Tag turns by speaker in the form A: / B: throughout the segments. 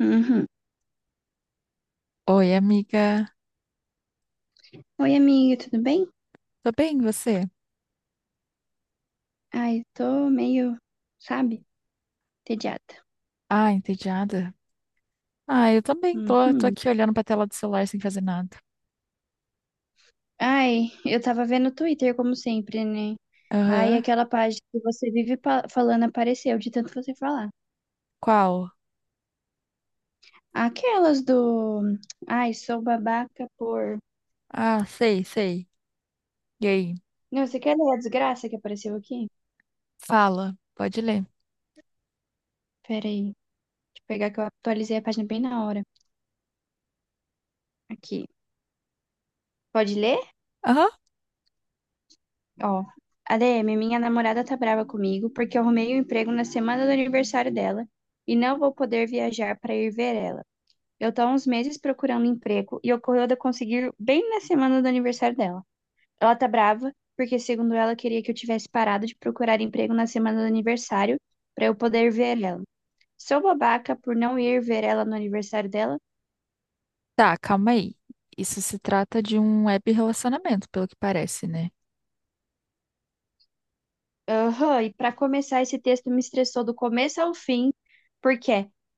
A: Uhum.
B: Oi, amiga.
A: Oi, amiga, tudo bem?
B: Tô bem, e você?
A: Ai, tô meio, sabe, entediada.
B: Ah, entediada. Ah, eu também tô
A: Uhum.
B: aqui olhando pra tela do celular sem fazer nada.
A: Ai, eu tava vendo o Twitter, como sempre, né? Ai,
B: Aham.
A: aquela página que você vive falando apareceu, de tanto você falar.
B: Qual?
A: Aquelas do. Ai, sou babaca por.
B: Ah, sei, sei. E aí?
A: Não, você quer ler a desgraça que apareceu aqui?
B: Fala, pode ler.
A: Peraí, deixa eu pegar que eu atualizei a página bem na hora. Aqui. Pode ler?
B: Aham.
A: Ó, ADM, minha namorada tá brava comigo porque eu arrumei um emprego na semana do aniversário dela e não vou poder viajar pra ir ver ela. Eu tô há uns meses procurando emprego e ocorreu de eu conseguir bem na semana do aniversário dela. Ela tá brava porque, segundo ela, queria que eu tivesse parado de procurar emprego na semana do aniversário pra eu poder ver ela. Sou babaca por não ir ver ela no aniversário dela?
B: Tá, calma aí. Isso se trata de um web relacionamento, pelo que parece, né?
A: Aham, e para começar, esse texto me estressou do começo ao fim, porque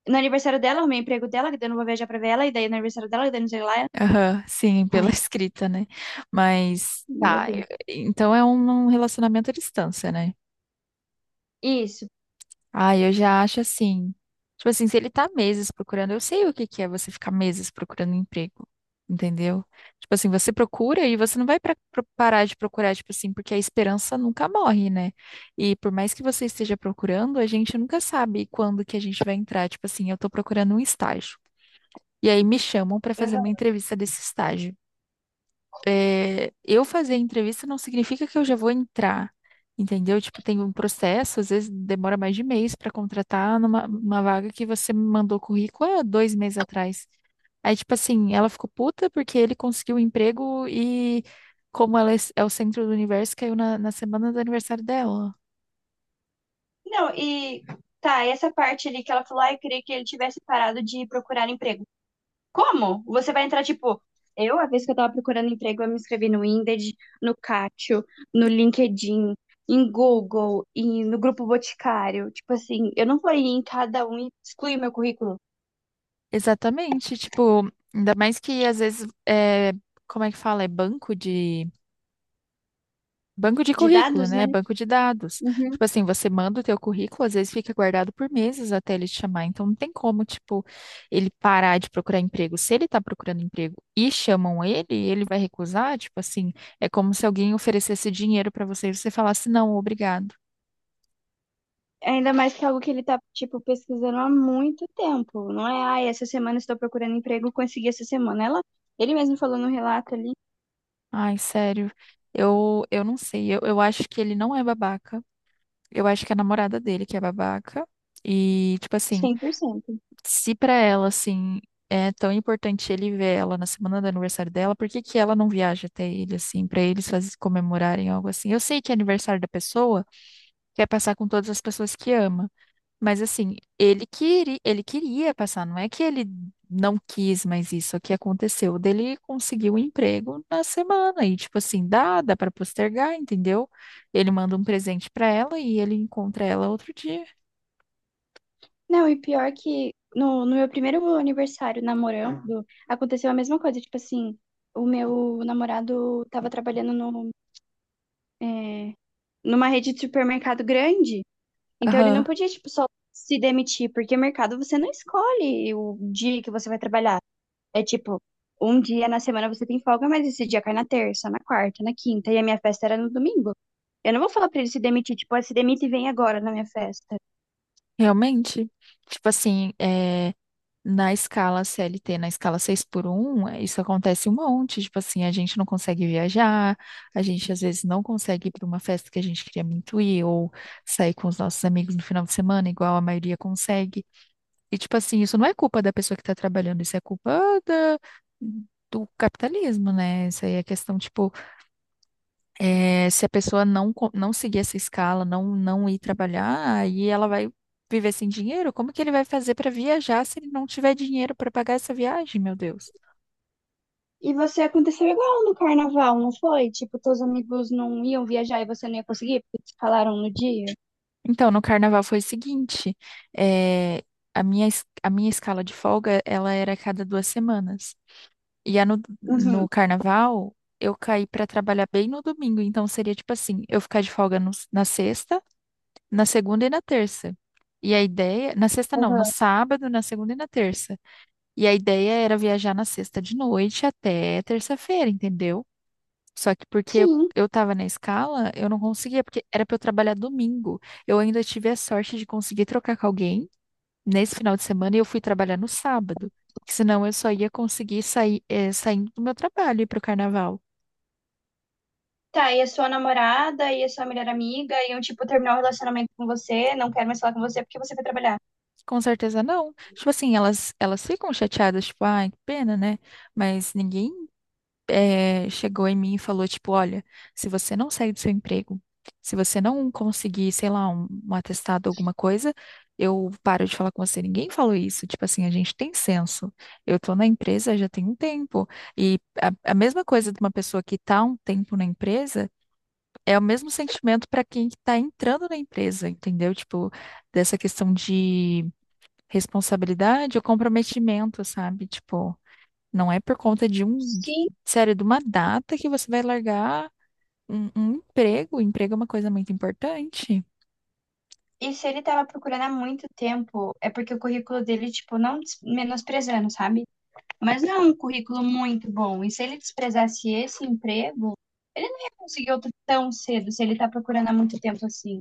A: no aniversário dela, eu arrumei emprego dela, que daí eu não vou viajar pra ver ela, e daí no aniversário dela, que daí não sei lá.
B: Aham, sim, pela
A: Ai,
B: escrita, né? Mas,
A: meu
B: tá,
A: Deus.
B: então é um relacionamento à distância, né?
A: Isso.
B: Ah, eu já acho assim. Tipo assim, se ele tá meses procurando, eu sei o que que é você ficar meses procurando emprego, entendeu? Tipo assim, você procura e você não vai parar de procurar, tipo assim, porque a esperança nunca morre, né? E por mais que você esteja procurando, a gente nunca sabe quando que a gente vai entrar. Tipo assim, eu tô procurando um estágio. E aí me chamam pra fazer uma
A: Aham.
B: entrevista desse estágio. Eu fazer entrevista não significa que eu já vou entrar, entendeu? Tipo, tem um processo, às vezes demora mais de mês para contratar numa uma vaga que você me mandou currículo há 2 meses atrás. Aí, tipo assim, ela ficou puta porque ele conseguiu um emprego e, como ela é o centro do universo, caiu na semana do aniversário dela.
A: Não, e tá, essa parte ali que ela falou, ah, eu queria que ele tivesse parado de procurar emprego. Como? Você vai entrar, tipo, eu, a vez que eu tava procurando emprego, eu me inscrevi no Indeed, no Catio, no LinkedIn, em Google e no Grupo Boticário. Tipo assim, eu não vou ir em cada um e excluir meu currículo.
B: Exatamente, tipo, ainda mais que às vezes, como é que fala? Banco de
A: De
B: currículo,
A: dados, né?
B: né? Banco de dados.
A: Uhum.
B: Tipo assim, você manda o teu currículo, às vezes fica guardado por meses até ele te chamar. Então não tem como, tipo, ele parar de procurar emprego. Se ele tá procurando emprego e chamam ele, ele vai recusar, tipo assim, é como se alguém oferecesse dinheiro pra você e você falasse não, obrigado.
A: Ainda mais que é algo que ele tá, tipo, pesquisando há muito tempo. Não é, ai, essa semana estou procurando emprego, consegui essa semana. Ele mesmo falou no relato ali,
B: Ai, sério. Eu não sei. Eu acho que ele não é babaca. Eu acho que é a namorada dele que é babaca. E, tipo assim,
A: 100%.
B: se para ela, assim, é tão importante ele ver ela na semana do aniversário dela, por que que ela não viaja até ele, assim, para eles comemorarem algo assim? Eu sei que é aniversário da pessoa, quer passar com todas as pessoas que ama, mas assim, ele queria passar, não é que ele não quis mas isso, é que aconteceu dele conseguiu um emprego na semana e tipo assim, dá para postergar, entendeu? Ele manda um presente para ela e ele encontra ela outro dia.
A: Não, e pior que no meu primeiro aniversário namorando, aconteceu a mesma coisa. Tipo assim, o meu namorado tava trabalhando no, é, numa rede de supermercado grande, então ele não
B: Aham,
A: podia, tipo, só se demitir, porque mercado você não escolhe o dia que você vai trabalhar. É tipo, um dia na semana você tem folga, mas esse dia cai na terça, na quarta, na quinta. E a minha festa era no domingo. Eu não vou falar pra ele se demitir, tipo, "Ah, se demite e vem agora na minha festa.
B: realmente. Tipo assim, na escala CLT, na escala 6x1, isso acontece um monte. Tipo assim, a gente não consegue viajar, a gente às vezes não consegue ir para uma festa que a gente queria muito ir, ou sair com os nossos amigos no final de semana, igual a maioria consegue. E tipo assim, isso não é culpa da pessoa que está trabalhando, isso é culpa do capitalismo, né? Isso aí é questão, tipo, se a pessoa não, não seguir essa escala, não ir trabalhar, aí ela vai viver sem dinheiro? Como que ele vai fazer para viajar se ele não tiver dinheiro para pagar essa viagem, meu Deus?
A: E você aconteceu igual no carnaval, não foi? Tipo, teus amigos não iam viajar e você não ia conseguir porque te falaram no dia?
B: Então, no carnaval foi o seguinte, é, a minha escala de folga, ela era a cada 2 semanas. E a no,
A: Uhum,
B: no carnaval, eu caí para trabalhar bem no domingo, então seria tipo assim, eu ficar de folga na sexta, na segunda e na terça. E a ideia, na sexta não, no
A: uhum.
B: sábado, na segunda e na terça. E a ideia era viajar na sexta de noite até terça-feira, entendeu? Só que porque eu,
A: Sim.
B: eu tava na escala, eu não conseguia, porque era pra eu trabalhar domingo. Eu ainda tive a sorte de conseguir trocar com alguém nesse final de semana e eu fui trabalhar no sábado. Porque senão eu só ia conseguir sair, saindo do meu trabalho e ir pro carnaval.
A: Tá, e a sua namorada e a sua melhor amiga iam, tipo, terminar o relacionamento com você, não quero mais falar com você porque você vai trabalhar.
B: Com certeza não. Tipo assim, elas ficam chateadas, tipo, ai, que pena, né? Mas ninguém chegou em mim e falou, tipo, olha, se você não sair do seu emprego, se você não conseguir, sei lá, um atestado, alguma coisa, eu paro de falar com você. Ninguém falou isso. Tipo assim, a gente tem senso. Eu tô na empresa já tem um tempo. E a mesma coisa de uma pessoa que tá um tempo na empresa é o mesmo sentimento para quem tá entrando na empresa, entendeu? Tipo, dessa questão de responsabilidade ou comprometimento, sabe? Tipo. Não é por conta de
A: Sim.
B: sério, de uma data que você vai largar um emprego. O emprego é uma coisa muito importante.
A: E se ele tava procurando há muito tempo, é porque o currículo dele, tipo, não des- menosprezando, sabe? Mas não é um currículo muito bom. E se ele desprezasse esse emprego, ele não ia conseguir outro tão cedo, se ele tá procurando há muito tempo assim.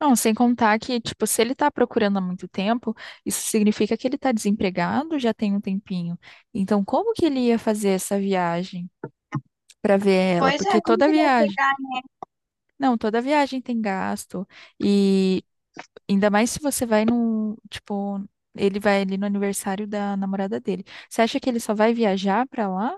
B: Não, sem contar que, tipo, se ele tá procurando há muito tempo, isso significa que ele tá desempregado já tem um tempinho. Então, como que ele ia fazer essa viagem para ver ela?
A: Pois é,
B: Porque
A: como
B: toda
A: que ele vai.
B: viagem, não, toda viagem tem gasto. E ainda mais se você vai no, tipo, ele vai ali no aniversário da namorada dele. Você acha que ele só vai viajar para lá?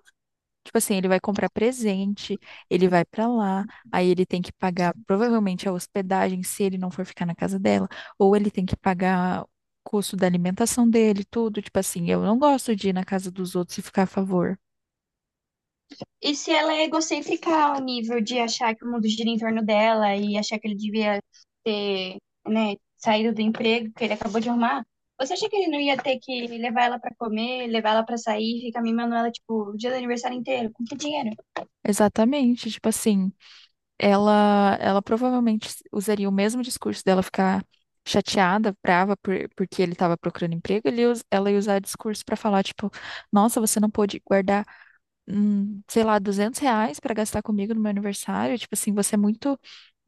B: Tipo assim, ele vai comprar presente, ele vai pra lá, aí ele tem que pagar provavelmente a hospedagem se ele não for ficar na casa dela, ou ele tem que pagar o custo da alimentação dele, tudo. Tipo assim, eu não gosto de ir na casa dos outros e ficar a favor.
A: E se ela é egocêntrica ao nível de achar que o mundo gira em torno dela e achar que ele devia ter, né, saído do emprego que ele acabou de arrumar, você acha que ele não ia ter que levar ela pra comer, levar ela pra sair, ficar mimando ela, tipo, o dia do aniversário inteiro, com que dinheiro?
B: Exatamente, tipo assim, ela provavelmente usaria o mesmo discurso dela ficar chateada, brava porque ele estava procurando emprego, ela ia usar discurso pra falar tipo, nossa, você não pôde guardar sei lá, R$ 200 pra gastar comigo no meu aniversário. Tipo assim, você é muito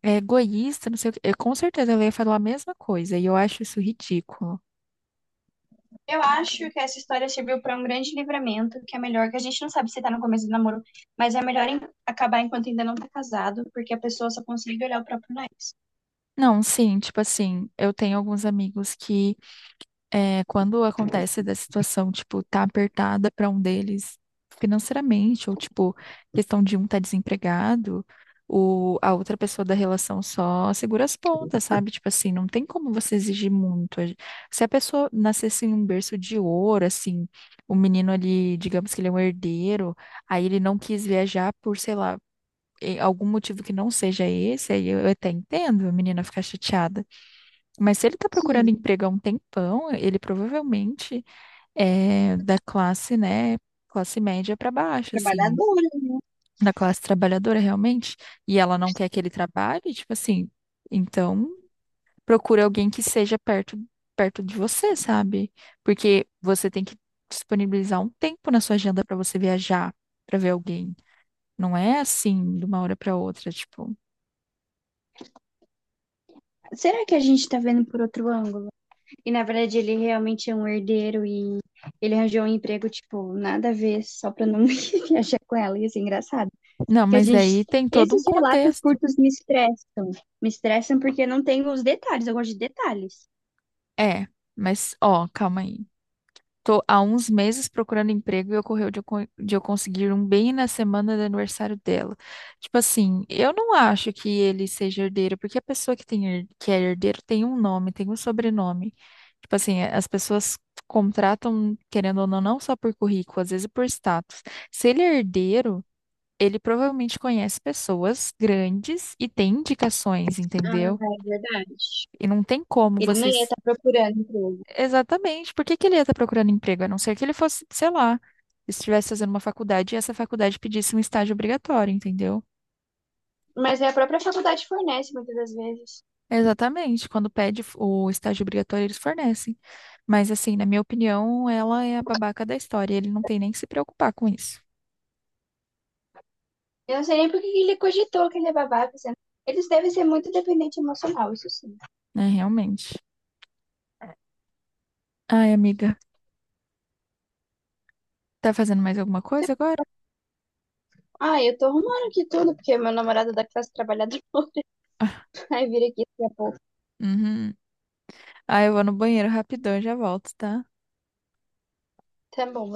B: egoísta, não sei o quê. Eu, com certeza ela ia falar a mesma coisa, e eu acho isso ridículo.
A: Eu acho que essa história serviu pra um grande livramento, que é melhor, que a gente não sabe se tá no começo do namoro, mas é melhor acabar enquanto ainda não tá casado, porque a pessoa só consegue olhar o próprio nariz.
B: Não, sim, tipo assim, eu tenho alguns amigos que quando acontece da situação, tipo, tá apertada para um deles financeiramente, ou tipo, questão de um tá desempregado, a outra pessoa da relação só segura as pontas, sabe? Tipo assim, não tem como você exigir muito. Se a pessoa nascesse em um berço de ouro, assim, o menino ali, digamos que ele é um herdeiro, aí ele não quis viajar por, sei lá, algum motivo que não seja esse, aí eu até entendo a menina ficar chateada. Mas se ele está
A: Sim,
B: procurando emprego há um tempão, ele provavelmente é da classe, né, classe média para baixo, assim,
A: trabalhadora, né?
B: da classe trabalhadora realmente, e ela não quer que ele trabalhe, tipo assim, então procure alguém que seja perto de você, sabe? Porque você tem que disponibilizar um tempo na sua agenda para você viajar, para ver alguém. Não é assim de uma hora para outra, tipo.
A: Será que a gente tá vendo por outro ângulo? E na verdade ele realmente é um herdeiro e ele arranjou um emprego, tipo, nada a ver, só pra não viajar com ela. E isso é engraçado.
B: Não,
A: Que a
B: mas
A: gente.
B: daí tem todo
A: Esses
B: um
A: relatos
B: contexto.
A: curtos me estressam. Me estressam porque não tem os detalhes, eu gosto de detalhes.
B: É, mas ó, calma aí. Tô há uns meses procurando emprego e ocorreu de de eu conseguir um bem na semana do aniversário dela. Tipo assim, eu não acho que ele seja herdeiro, porque a pessoa que que é herdeiro tem um nome, tem um sobrenome. Tipo assim, as pessoas contratam, querendo ou não, não só por currículo, às vezes por status. Se ele é herdeiro, ele provavelmente conhece pessoas grandes e tem indicações,
A: Ah,
B: entendeu?
A: é verdade.
B: E não tem como
A: Ele não
B: você.
A: ia estar procurando emprego.
B: Exatamente. Por que que ele ia estar procurando emprego? A não ser que ele fosse, sei lá, estivesse fazendo uma faculdade e essa faculdade pedisse um estágio obrigatório, entendeu?
A: Mas é a própria faculdade fornece muitas das vezes.
B: Exatamente. Quando pede o estágio obrigatório, eles fornecem. Mas, assim, na minha opinião, ela é a babaca da história. Ele não tem nem que se preocupar com isso,
A: Eu não sei nem por que ele cogitou que ele é babaca, sendo. Eles devem ser muito dependente emocional, isso sim.
B: né? Realmente. Ai, amiga, tá fazendo mais alguma coisa agora?
A: Ah, eu tô arrumando aqui tudo, porque meu namorado é da classe trabalhadora vai vir aqui daqui a pouco.
B: Uhum. Ah, eu vou no banheiro rapidão, já volto, tá?
A: Tamam